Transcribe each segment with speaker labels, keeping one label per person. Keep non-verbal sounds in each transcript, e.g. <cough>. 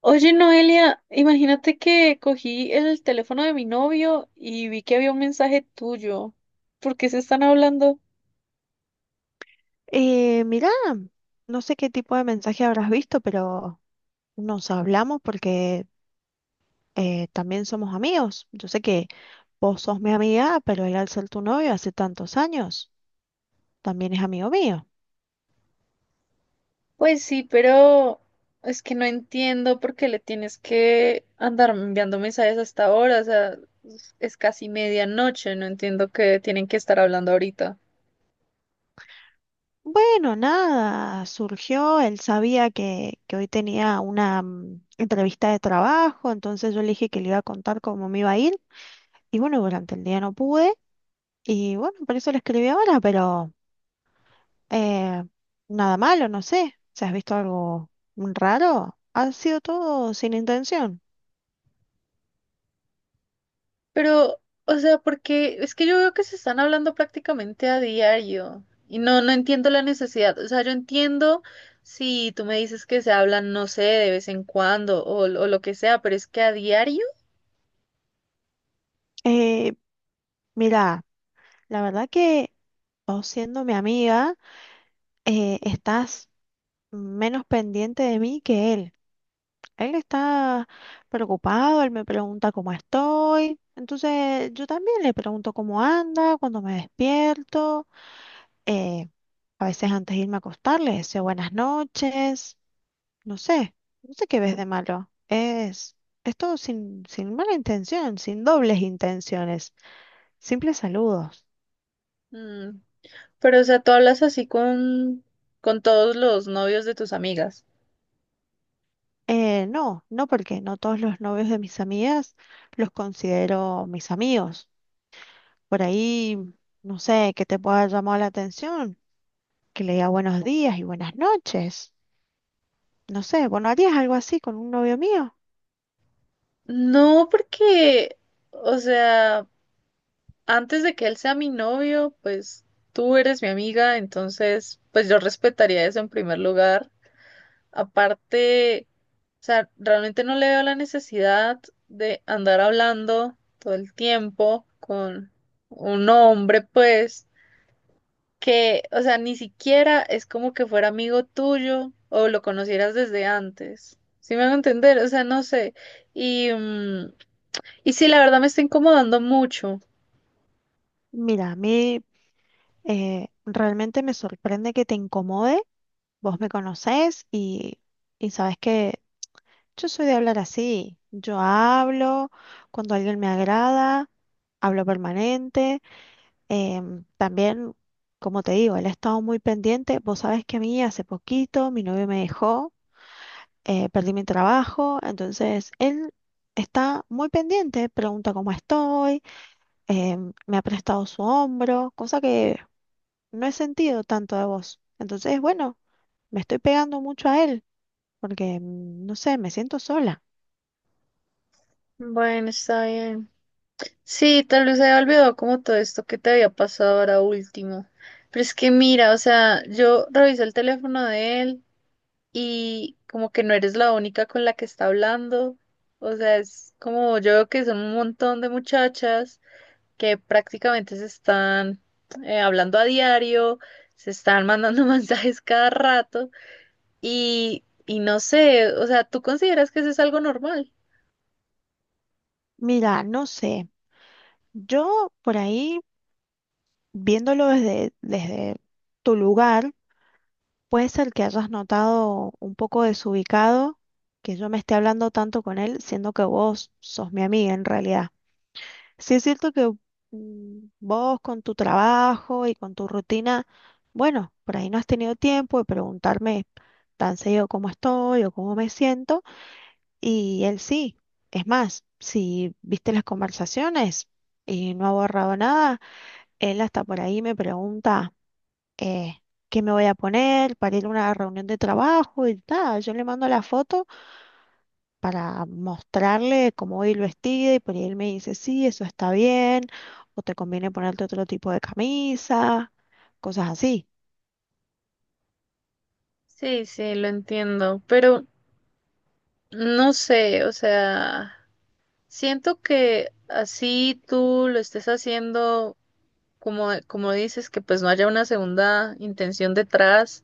Speaker 1: Oye, Noelia, imagínate que cogí el teléfono de mi novio y vi que había un mensaje tuyo. ¿Por qué se están hablando?
Speaker 2: Mirá, no sé qué tipo de mensaje habrás visto, pero nos hablamos porque también somos amigos. Yo sé que vos sos mi amiga, pero él al ser tu novio hace tantos años, también es amigo mío.
Speaker 1: Pues sí, pero es que no entiendo por qué le tienes que andar enviando mensajes hasta ahora. O sea, es casi medianoche, no entiendo que tienen que estar hablando ahorita.
Speaker 2: Bueno, nada, surgió, él sabía que hoy tenía una entrevista de trabajo, entonces yo le dije que le iba a contar cómo me iba a ir y bueno, durante el día no pude y bueno, por eso le escribí ahora, pero. Eh, Nada malo, no sé. Si has visto algo raro, ha sido todo sin intención.
Speaker 1: Pero, o sea, porque es que yo veo que se están hablando prácticamente a diario y no entiendo la necesidad. O sea, yo entiendo si tú me dices que se hablan, no sé, de vez en cuando o lo que sea, pero es que a diario.
Speaker 2: Eh, Mira, la verdad que vos siendo mi amiga, estás menos pendiente de mí que él. Él está preocupado, él me pregunta cómo estoy. Entonces yo también le pregunto cómo anda, cuando me despierto. eh, a veces antes de irme a acostar le deseo buenas noches. No sé, no sé qué ves de malo. Es todo sin mala intención, sin dobles intenciones, simples saludos.
Speaker 1: Mm. Pero, o sea, tú hablas así con todos los novios de tus amigas.
Speaker 2: No, no porque no todos los novios de mis amigas los considero mis amigos. Por ahí, no sé, que te pueda llamar la atención, que le diga buenos días y buenas noches. No sé, bueno, ¿harías algo así con un novio mío?
Speaker 1: No, porque, o sea, antes de que él sea mi novio, pues tú eres mi amiga, entonces, pues yo respetaría eso en primer lugar. Aparte, o sea, realmente no le veo la necesidad de andar hablando todo el tiempo con un hombre, pues, que, o sea, ni siquiera es como que fuera amigo tuyo o lo conocieras desde antes. ¿Sí me hago entender? O sea, no sé. Y, mm, y sí, la verdad me está incomodando mucho.
Speaker 2: Mira, a mí realmente me sorprende que te incomode. Vos me conocés y... Y sabes que yo soy de hablar así. Yo hablo cuando alguien me agrada, hablo permanente. También, como te digo, él ha estado muy pendiente. Vos sabés que a mí hace poquito mi novio me dejó, perdí mi trabajo, entonces él está muy pendiente, pregunta cómo estoy, me ha prestado su hombro, cosa que no he sentido tanto de vos. Entonces, bueno, me estoy pegando mucho a él porque, no sé, me siento sola.
Speaker 1: Bueno, está bien. Sí, tal vez se había olvidado como todo esto que te había pasado ahora último. Pero es que mira, o sea, yo revisé el teléfono de él y como que no eres la única con la que está hablando. O sea, es como yo veo que son un montón de muchachas que prácticamente se están hablando a diario, se están mandando <laughs> mensajes cada rato y no sé, o sea, ¿tú consideras que eso es algo normal?
Speaker 2: Mira, no sé. Yo por ahí, viéndolo desde tu lugar, puede ser que hayas notado un poco desubicado que yo me esté hablando tanto con él, siendo que vos sos mi amiga en realidad. Sí es cierto que vos con tu trabajo y con tu rutina, bueno, por ahí no has tenido tiempo de preguntarme tan seguido cómo estoy o cómo me siento, y él sí. Es más, si viste las conversaciones y no ha borrado nada. Él hasta por ahí me pregunta eh, qué me voy a poner para ir a una reunión de trabajo y tal. Yo le mando la foto para mostrarle cómo voy vestida y por ahí él me dice, sí, eso está bien, o te conviene ponerte otro tipo de camisa, cosas así.
Speaker 1: Sí, sí, lo entiendo, pero no sé, o sea. Siento que así tú lo estés haciendo, como, como dices, que pues no haya una segunda intención detrás.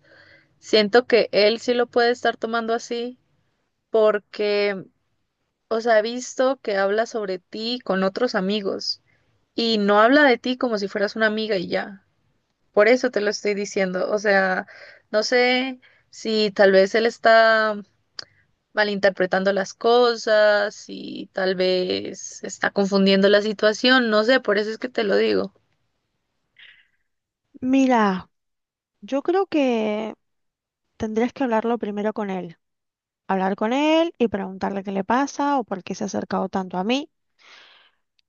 Speaker 1: Siento que él sí lo puede estar tomando así porque, o sea, he visto que habla sobre ti con otros amigos y no habla de ti como si fueras una amiga y ya. Por eso te lo estoy diciendo. O sea, no sé si tal vez él está malinterpretando las cosas y tal vez está confundiendo la situación, no sé, por eso es que te lo digo.
Speaker 2: Mira, yo creo que tendrías que hablarlo primero con él. Hablar con él y preguntarle qué le pasa o por qué se ha acercado tanto a mí.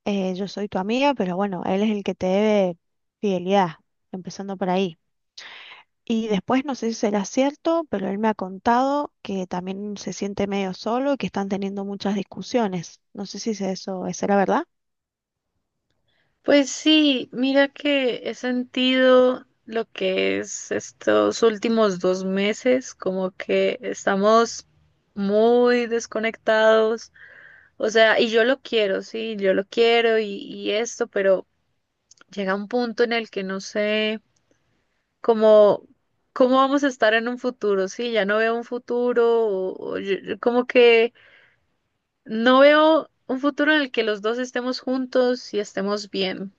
Speaker 2: Yo soy tu amiga, pero bueno, él es el que te debe fidelidad, empezando por ahí. Y después no sé si será cierto, pero él me ha contado que también se siente medio solo y que están teniendo muchas discusiones. No sé si es eso es la verdad.
Speaker 1: Pues sí, mira que he sentido lo que es estos últimos dos meses, como que estamos muy desconectados, o sea, y yo lo quiero, sí, yo lo quiero y esto, pero llega un punto en el que no sé. Como cómo vamos a estar en un futuro, sí, ya no veo un futuro, yo como que no veo un futuro en el que los dos estemos juntos y estemos bien.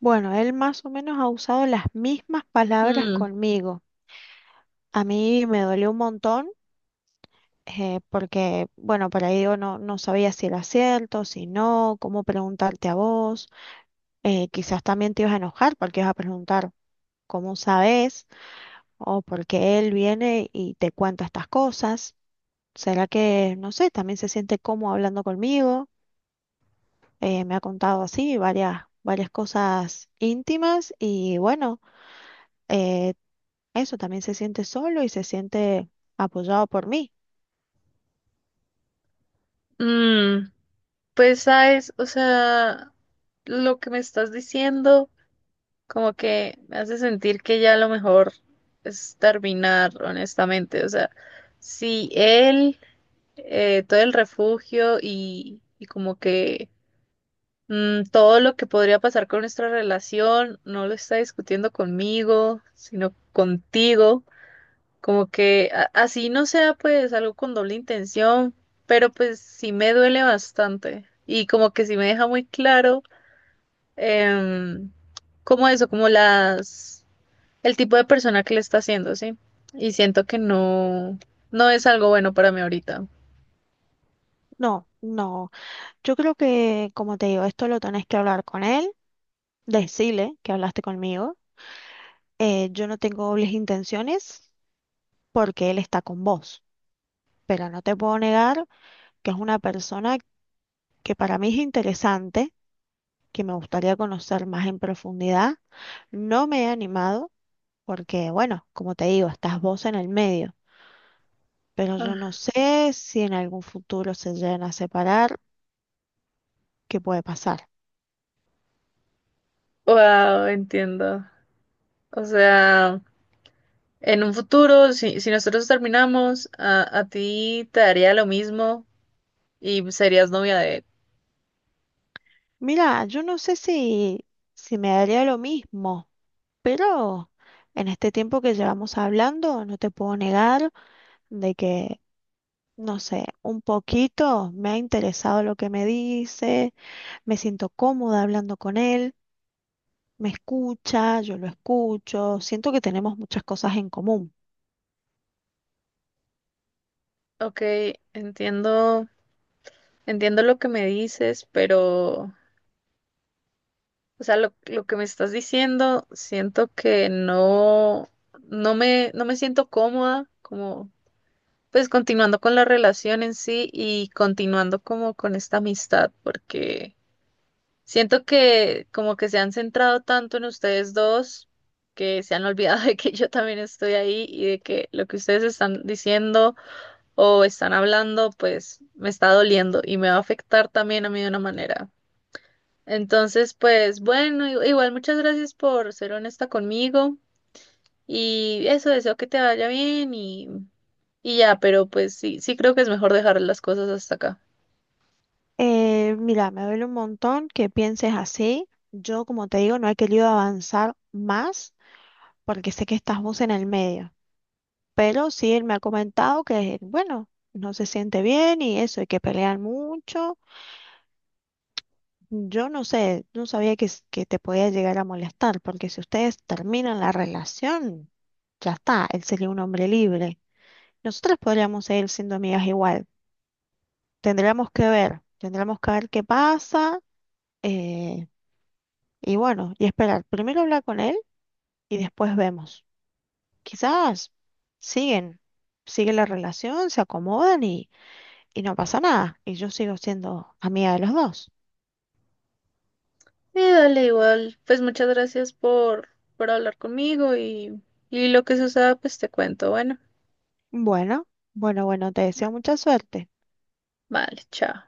Speaker 2: Bueno, él más o menos ha usado las mismas palabras
Speaker 1: Mm.
Speaker 2: conmigo. A mí me dolió un montón porque, bueno, por ahí digo, no, no sabía si era cierto, si no, cómo preguntarte a vos. Quizás también te ibas a enojar porque ibas a preguntar cómo sabes o porque él viene y te cuenta estas cosas. ¿Será que, no sé, también se siente cómodo hablando conmigo? Me ha contado así varias cosas íntimas y bueno, eh, eso también se siente solo y se siente apoyado por mí.
Speaker 1: mm, pues sabes, o sea, lo que me estás diciendo como que me hace sentir que ya lo mejor es terminar, honestamente, o sea, si él, todo el refugio y como que, todo lo que podría pasar con nuestra relación no lo está discutiendo conmigo, sino contigo. Como que así no sea pues algo con doble intención, pero pues sí me duele bastante y como que sí me deja muy claro, em, como eso, como las, el tipo de persona que le está haciendo, ¿sí? Y siento que no, no es algo bueno para mí ahorita.
Speaker 2: No, no. Yo creo que, como te digo, esto lo tenés que hablar con él, decirle que hablaste conmigo. Yo no tengo dobles intenciones porque él está con vos, pero no te puedo negar que es una persona que para mí es interesante que me gustaría conocer más en profundidad. No me he animado porque, bueno, como te digo, estás vos en el medio, pero yo no
Speaker 1: Ah,
Speaker 2: sé si en algún futuro se llegan a separar, qué puede pasar.
Speaker 1: wow, entiendo. O sea. En un futuro, si, si nosotros terminamos, a ti te daría lo mismo y serías novia de él.
Speaker 2: Mira, yo no sé si, si me daría lo mismo, pero en este tiempo que llevamos hablando, no te puedo negar de que, no sé, un poquito me ha interesado lo que me dice, me siento cómoda hablando con él. Me escucha, yo lo escucho, siento que tenemos muchas cosas en común.
Speaker 1: Ok, entiendo, entiendo lo que me dices, pero, o sea, lo que me estás diciendo, siento que no, no me, no me siento cómoda, como, pues continuando con la relación en sí y continuando como con esta amistad, porque siento que como que se han centrado tanto en ustedes dos que se han <laughs> olvidado de que yo también estoy ahí y de que lo que ustedes están diciendo o están hablando pues me está doliendo y me va a afectar también a mí de una manera. Entonces pues bueno, igual muchas gracias por ser honesta conmigo y eso, deseo que te vaya bien y ya, pero pues sí, sí creo que es mejor dejar las cosas hasta acá.
Speaker 2: Mira, me duele un montón que pienses así. Yo, como te digo, no he querido avanzar más porque sé que estás vos en el medio. Pero sí, él me ha comentado que, bueno, no se siente bien y eso, y que pelean mucho. Yo no sé, no sabía que, que te podía llegar a molestar, porque si ustedes terminan la relación, ya está, él sería un hombre libre. Nosotras podríamos seguir siendo amigas igual. Tendríamos que ver qué pasa eh, y bueno, y esperar. Primero hablar con él y después vemos. Quizás siguen, sigue la relación, se acomodan y no pasa nada. Y yo sigo siendo amiga de los dos.
Speaker 1: Sí, dale igual. Pues muchas gracias por hablar conmigo y lo que suceda, pues te cuento. Bueno,
Speaker 2: Bueno, bueno, bueno, te deseo mucha suerte.
Speaker 1: vale, chao.